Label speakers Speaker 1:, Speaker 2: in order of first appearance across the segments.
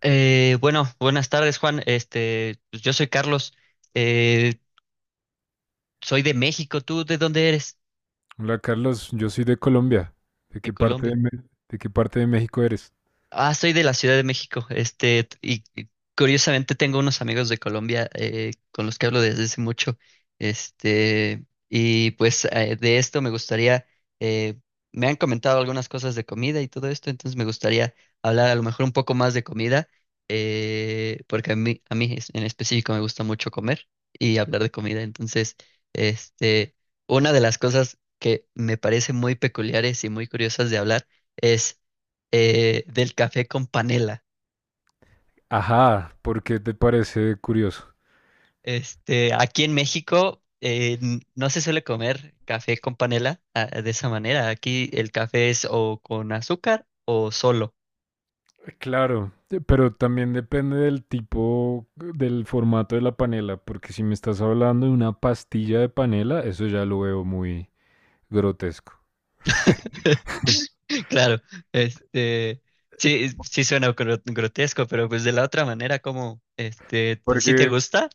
Speaker 1: Bueno, buenas tardes, Juan. Pues yo soy Carlos. Eh, Soy de México. ¿Tú de dónde eres?
Speaker 2: Hola Carlos, yo soy de Colombia. ¿De
Speaker 1: De
Speaker 2: qué parte de,
Speaker 1: Colombia.
Speaker 2: De qué parte de México eres?
Speaker 1: Ah, soy de la Ciudad de México, curiosamente tengo unos amigos de Colombia, con los que hablo desde hace mucho. De esto me gustaría, eh, me han comentado algunas cosas de comida y todo esto, entonces me gustaría hablar a lo mejor un poco más de comida, porque en específico me gusta mucho comer y hablar de comida. Este, una de las cosas que me parece muy peculiares y muy curiosas de hablar es del café con panela.
Speaker 2: Ajá, ¿por qué te parece curioso?
Speaker 1: Aquí en México, no se suele comer café con panela, ah, de esa manera. Aquí el café es o con azúcar o solo.
Speaker 2: Claro, pero también depende del tipo, del formato de la panela, porque si me estás hablando de una pastilla de panela, eso ya lo veo muy grotesco.
Speaker 1: Claro. este, sí, grotesco, pero pues de la otra manera, como, este, ¿si te
Speaker 2: Porque,
Speaker 1: gusta?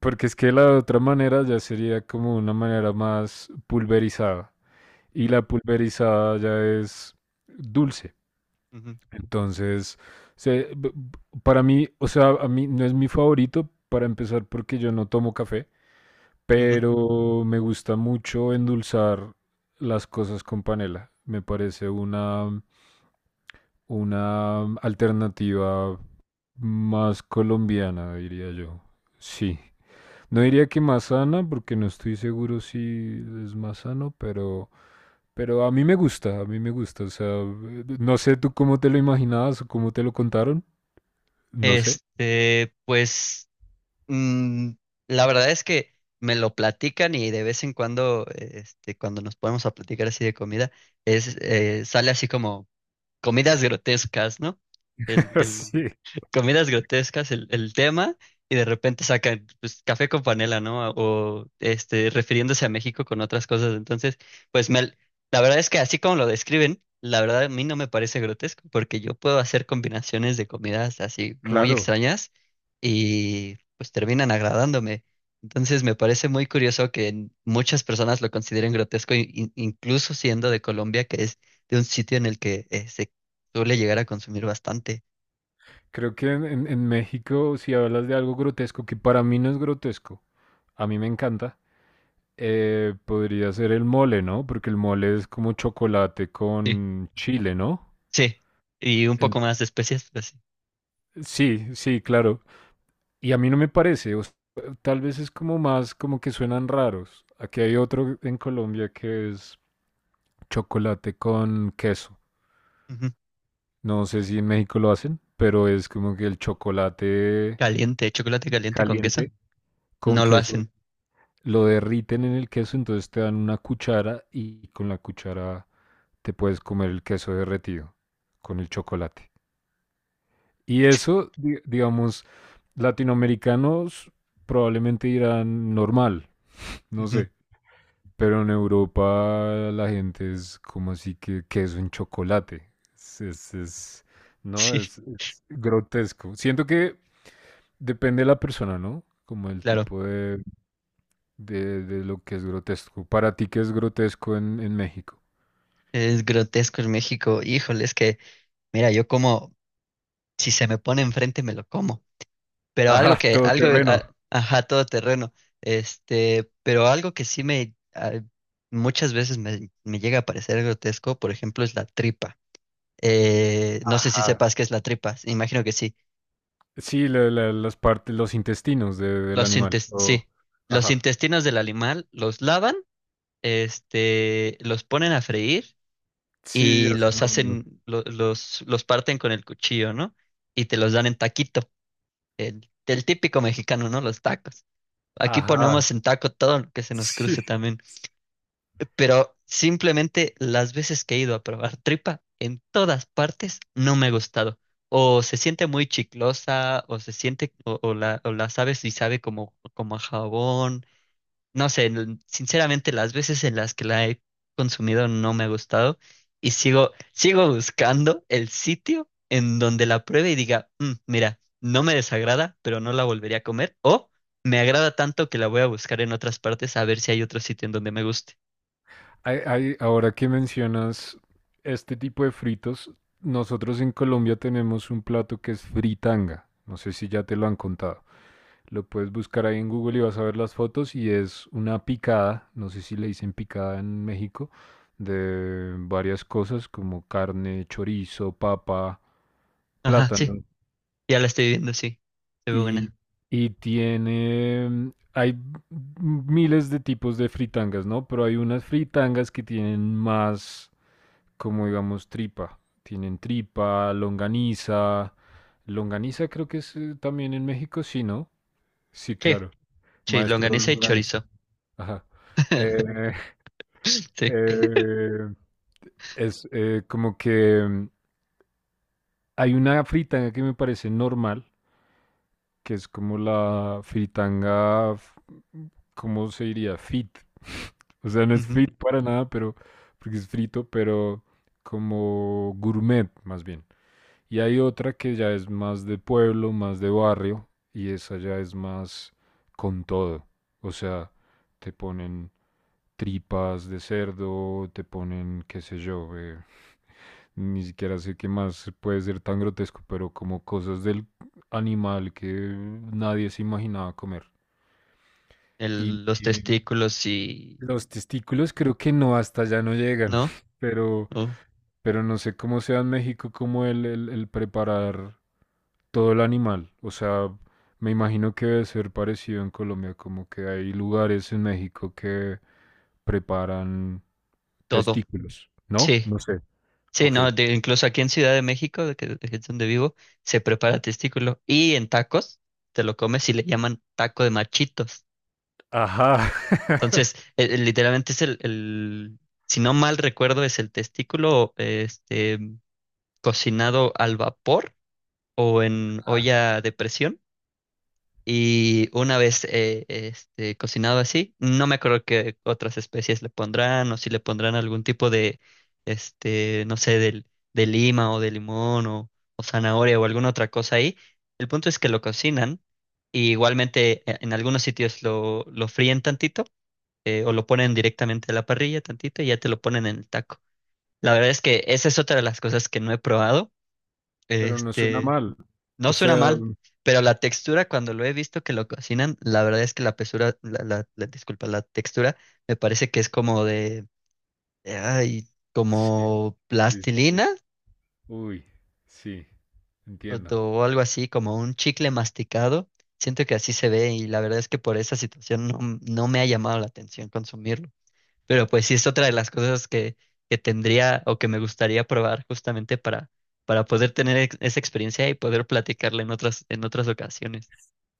Speaker 2: porque es que la otra manera ya sería como una manera más pulverizada. Y
Speaker 1: Ujú,
Speaker 2: la pulverizada ya es dulce.
Speaker 1: ujú,
Speaker 2: Entonces, para mí, o sea, a mí no es mi favorito para empezar porque yo no tomo café,
Speaker 1: ujú.
Speaker 2: pero me gusta mucho endulzar las cosas con panela. Una alternativa más colombiana, diría yo. Sí. No diría que más sana, porque no estoy seguro si es más sano, pero a mí me gusta, a mí me gusta. O sea, no sé tú cómo te lo imaginabas o cómo te lo contaron. No sé.
Speaker 1: Pues mm, la verdad es que me lo platican, y de vez en cuando, este, cuando nos ponemos a platicar así de comida, sale así como comidas grotescas, ¿no? El, el-
Speaker 2: Sí,
Speaker 1: Comidas grotescas el tema, y de repente sacan pues café con panela, ¿no? O este, refiriéndose a México con otras cosas. Entonces, pues me, la verdad es que así como lo describen, la verdad a mí no me parece grotesco, porque yo puedo hacer combinaciones de comidas así muy
Speaker 2: claro.
Speaker 1: extrañas y pues terminan agradándome. Entonces me parece muy curioso que muchas personas lo consideren grotesco, incluso siendo de Colombia, que es de un sitio en el que, se suele llegar a consumir bastante.
Speaker 2: Creo que en México, si hablas de algo grotesco, que para mí no es grotesco, a mí me encanta, podría ser el mole, ¿no? Porque el mole es como chocolate con chile, ¿no?
Speaker 1: Sí, y un poco
Speaker 2: En-
Speaker 1: más de especias, pues sí.
Speaker 2: sí, sí, claro. Y a mí no me parece, o sea, tal vez es como más como que suenan raros. Aquí hay otro en Colombia que es chocolate con queso.
Speaker 1: Ujú.
Speaker 2: No sé si en México lo hacen, pero es como que el chocolate
Speaker 1: Caliente, chocolate caliente con queso.
Speaker 2: caliente, con
Speaker 1: No lo
Speaker 2: queso,
Speaker 1: hacen.
Speaker 2: lo derriten en el queso, entonces te dan una cuchara y con la cuchara te puedes comer el queso derretido con el chocolate. Y eso, digamos, latinoamericanos probablemente dirán normal, no
Speaker 1: Ujú.
Speaker 2: sé, pero en Europa la gente es como así que queso en chocolate. No,
Speaker 1: Sí,
Speaker 2: es grotesco. Siento que depende de la persona, ¿no? Como el
Speaker 1: claro.
Speaker 2: tipo de de lo que es grotesco. Para ti, ¿qué es grotesco en México?
Speaker 1: Es grotesco en México. Híjole, es que mira, yo como, si se me pone enfrente, me lo como. Pero algo
Speaker 2: Ajá,
Speaker 1: que,
Speaker 2: todo
Speaker 1: algo, a-
Speaker 2: terreno.
Speaker 1: ajá, todo terreno. Pero algo que sí me, ah, muchas veces me, me llega a parecer grotesco, por ejemplo, es la tripa. No sé si
Speaker 2: Ajá.
Speaker 1: sepas qué es la tripa. Imagino que sí.
Speaker 2: Sí, las partes, los intestinos del animal. O
Speaker 1: Sí. Los
Speaker 2: ajá.
Speaker 1: intestinos del animal los lavan, este, los ponen a freír
Speaker 2: Sí,
Speaker 1: y
Speaker 2: hacen
Speaker 1: los
Speaker 2: lo mismo.
Speaker 1: hacen, los parten con el cuchillo, ¿no? Y te los dan en taquito, el típico mexicano, ¿no? Los tacos. Aquí
Speaker 2: Ajá.
Speaker 1: ponemos en taco todo lo que se nos
Speaker 2: Sí.
Speaker 1: cruce también. Pero simplemente las veces que he ido a probar tripa, en todas partes no me ha gustado. O se siente muy chiclosa, o se siente, o la sabe si sabe como, como a jabón, no sé, sinceramente las veces en las que la he consumido no me ha gustado, y sigo, sigo buscando el sitio en donde la pruebe y diga: "Mm, mira, no me desagrada, pero no la volvería a comer, o me agrada tanto que la voy a buscar en otras partes a ver si hay otro sitio en donde me guste".
Speaker 2: Ahora que mencionas este tipo de fritos, nosotros en Colombia tenemos un plato que es fritanga. No sé si ya te lo han contado. Lo puedes buscar ahí en Google y vas a ver las fotos y es una picada, no sé si le dicen picada en México, de varias cosas como carne, chorizo, papa,
Speaker 1: Ajá, sí,
Speaker 2: plátano
Speaker 1: ya la estoy viendo, sí, se ve
Speaker 2: y,
Speaker 1: buena.
Speaker 2: y tiene, hay miles de tipos de fritangas, ¿no? Pero hay unas fritangas que tienen más, como digamos, tripa. Tienen tripa, longaniza. Longaniza creo que es también en México, sí, ¿no? Sí,
Speaker 1: Sí,
Speaker 2: claro.
Speaker 1: sí,
Speaker 2: Maestro
Speaker 1: longaniza y
Speaker 2: Longaniza.
Speaker 1: chorizo.
Speaker 2: Ajá. Eh,
Speaker 1: Sí.
Speaker 2: eh, es como que hay una fritanga que me parece normal, que es como la fritanga, ¿cómo se diría? Fit. O sea, no es
Speaker 1: Ujú.
Speaker 2: fit para nada, porque es frito, pero como gourmet, más bien. Y hay otra que ya es más de pueblo, más de barrio, y esa ya es más con todo. O sea, te ponen tripas de cerdo, te ponen, qué sé yo, ni siquiera sé qué más puede ser tan grotesco, pero como cosas del animal que nadie se imaginaba comer. Y
Speaker 1: Los testículos y...
Speaker 2: los testículos creo que no, hasta allá no llegan,
Speaker 1: ¿No?
Speaker 2: pero,
Speaker 1: Oh,
Speaker 2: pero no sé cómo sea en México como el preparar todo el animal. O sea, me imagino que debe ser parecido en Colombia, como que hay lugares en México que preparan
Speaker 1: todo.
Speaker 2: testículos, ¿no?
Speaker 1: Sí.
Speaker 2: No sé.
Speaker 1: Sí,
Speaker 2: Ok.
Speaker 1: no, de- incluso aquí en Ciudad de México, de que es donde vivo, se prepara testículo, y en tacos te lo comes y le llaman taco de machitos.
Speaker 2: Ajá.
Speaker 1: Entonces, literalmente es si no mal recuerdo, es el testículo, este, cocinado al vapor o en
Speaker 2: Ah,
Speaker 1: olla de presión. Y una vez, cocinado así, no me acuerdo qué otras especies le pondrán, o si le pondrán algún tipo de, este, no sé, del, de lima o de limón, o zanahoria o alguna otra cosa ahí. El punto es que lo cocinan, y igualmente, en algunos sitios lo fríen tantito, o lo ponen directamente a la parrilla tantito y ya te lo ponen en el taco. La verdad es que esa es otra de las cosas que no he probado.
Speaker 2: pero no suena
Speaker 1: Este,
Speaker 2: mal.
Speaker 1: no
Speaker 2: O
Speaker 1: suena
Speaker 2: sea,
Speaker 1: mal, pero la textura, cuando lo he visto que lo cocinan, la verdad es que la pesura, la- disculpa, la textura me parece que es como de, ay,
Speaker 2: sí,
Speaker 1: como
Speaker 2: sí, sí.
Speaker 1: plastilina,
Speaker 2: Uy, sí,
Speaker 1: o,
Speaker 2: entiendo.
Speaker 1: o algo así, como un chicle masticado. Siento que así se ve, y la verdad es que por esa situación, no me ha llamado la atención consumirlo. Pero pues sí es otra de las cosas que tendría o que me gustaría probar, justamente para poder tener esa experiencia y poder platicarla en otras ocasiones.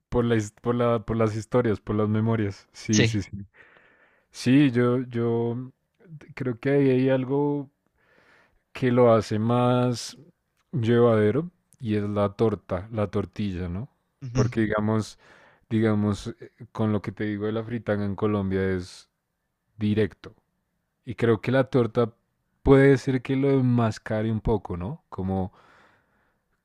Speaker 2: Por la por por las historias, por las memorias. Sí,
Speaker 1: Sí.
Speaker 2: sí, sí. Sí, yo creo que ahí hay algo que lo hace más llevadero y es la torta, la tortilla, ¿no?
Speaker 1: Ujú.
Speaker 2: Porque digamos, digamos, con lo que te digo de la fritanga en Colombia es directo. Y creo que la torta puede ser que lo enmascare un poco, ¿no? Como,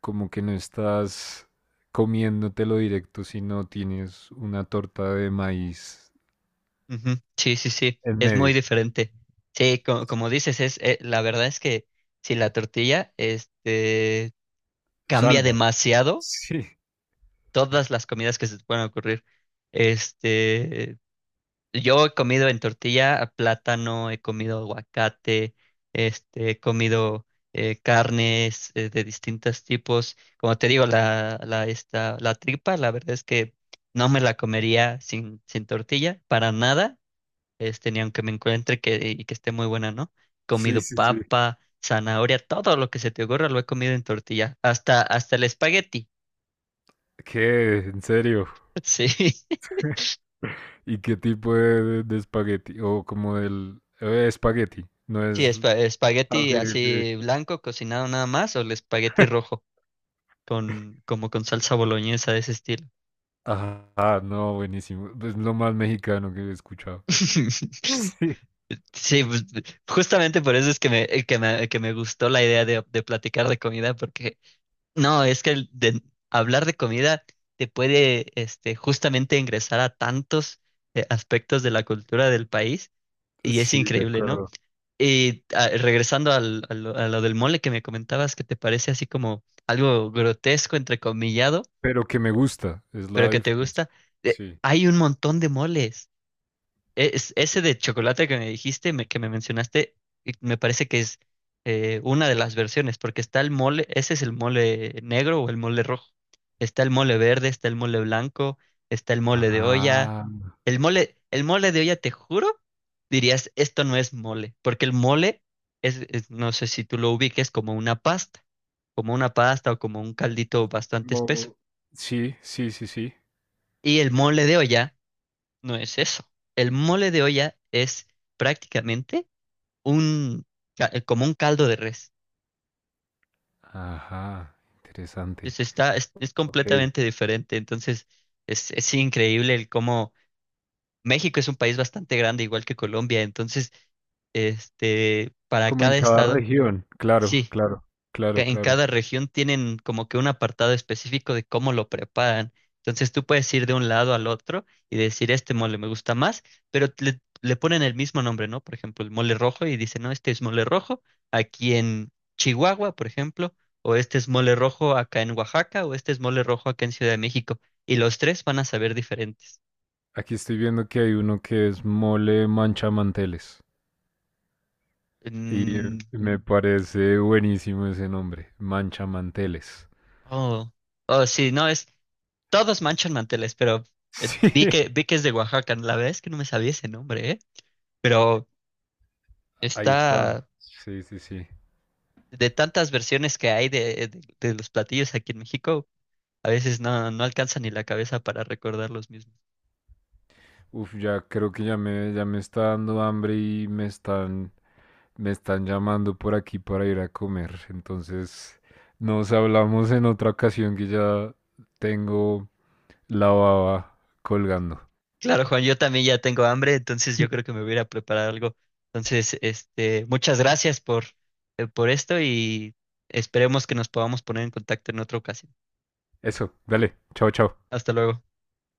Speaker 2: como que no estás comiéndotelo directo, sino tienes una torta de maíz
Speaker 1: Ujú. Sí, sí, sí,
Speaker 2: en
Speaker 1: es muy
Speaker 2: medio.
Speaker 1: diferente. Sí, co- como dices, es, la verdad es que si la tortilla, este, cambia
Speaker 2: Salva.
Speaker 1: demasiado
Speaker 2: Sí,
Speaker 1: todas las comidas que se te pueden ocurrir. Este, yo he comido en tortilla a plátano, he comido aguacate, este, he comido, carnes, de distintos tipos. Como te digo, la tripa, la verdad es que no me la comería sin, sin tortilla, para nada, este, ni aunque me encuentre que, y que esté muy buena, ¿no?
Speaker 2: sí,
Speaker 1: Comido
Speaker 2: sí, sí.
Speaker 1: papa, zanahoria, todo lo que se te ocurra lo he comido en tortilla, hasta, hasta el espagueti.
Speaker 2: ¿Qué? ¿En serio? ¿Y qué tipo de, de espagueti? O como del... espagueti. No
Speaker 1: Sí, sí,
Speaker 2: es... Ah, ok,
Speaker 1: espagueti
Speaker 2: ok.
Speaker 1: así blanco, cocinado nada más, o el espagueti rojo, con, como con salsa boloñesa de ese estilo.
Speaker 2: Ajá, no, buenísimo. Es lo más mexicano que he escuchado. Sí.
Speaker 1: Sí, pues justamente por eso es que que me gustó la idea de platicar de comida, porque no, es que el de hablar de comida te puede, este, justamente ingresar a tantos, aspectos de la cultura del país, y es
Speaker 2: Sí, de
Speaker 1: increíble, ¿no?
Speaker 2: acuerdo.
Speaker 1: Y ah, regresando a lo del mole que me comentabas, que te parece así como algo grotesco, entrecomillado,
Speaker 2: Pero que me gusta, es
Speaker 1: pero
Speaker 2: la
Speaker 1: que te
Speaker 2: diferencia.
Speaker 1: gusta,
Speaker 2: Sí.
Speaker 1: hay un montón de moles. Es, ese de chocolate que me dijiste, que me mencionaste, y me parece que es, una de las versiones, porque está el mole, ese es el mole negro o el mole rojo. Está el mole verde, está el mole blanco, está el mole de olla.
Speaker 2: Ah,
Speaker 1: El mole de olla, te juro, dirías, esto no es mole, porque el mole no sé si tú lo ubiques como una pasta o como un caldito bastante espeso.
Speaker 2: como- Sí, sí, sí, sí.
Speaker 1: Y el mole de olla no es eso. El mole de olla es prácticamente un, como un caldo de res.
Speaker 2: Ajá, interesante.
Speaker 1: Es
Speaker 2: Ok.
Speaker 1: completamente diferente. Entonces, es increíble el cómo México es un país bastante grande, igual que Colombia. Entonces, este, para
Speaker 2: Como en
Speaker 1: cada
Speaker 2: cada
Speaker 1: estado,
Speaker 2: región, claro,
Speaker 1: sí,
Speaker 2: claro, claro,
Speaker 1: en
Speaker 2: claro.
Speaker 1: cada región tienen como que un apartado específico de cómo lo preparan. Entonces tú puedes ir de un lado al otro y decir, este mole me gusta más, pero le ponen el mismo nombre, ¿no? Por ejemplo, el mole rojo, y dicen, no, este es mole rojo aquí en Chihuahua, por ejemplo, o este es mole rojo acá en Oaxaca, o este es mole rojo acá en Ciudad de México. Y los tres van a saber diferentes.
Speaker 2: Aquí estoy viendo que hay uno que es mole manchamanteles y
Speaker 1: Mm,
Speaker 2: me parece buenísimo ese nombre, manchamanteles.
Speaker 1: oh, oh, sí, no, es, todos manchan manteles, pero,
Speaker 2: Sí,
Speaker 1: vi que es de Oaxaca. La verdad es que no me sabía ese nombre, ¿eh? Pero
Speaker 2: ahí está.
Speaker 1: está
Speaker 2: Sí, sí, sí.
Speaker 1: de tantas versiones que hay de, de los platillos aquí en México, a veces no, no alcanza ni la cabeza para recordar los mismos.
Speaker 2: Uf, ya creo que ya me está dando hambre y me están llamando por aquí para ir a comer. Entonces, nos hablamos en otra ocasión que ya tengo la baba colgando.
Speaker 1: Claro, Juan, yo también ya tengo hambre, entonces yo creo que me voy a ir a preparar algo. Entonces, este, muchas gracias por esto, y esperemos que nos podamos poner en contacto en otra ocasión.
Speaker 2: Eso, dale, chao, chao.
Speaker 1: Hasta luego.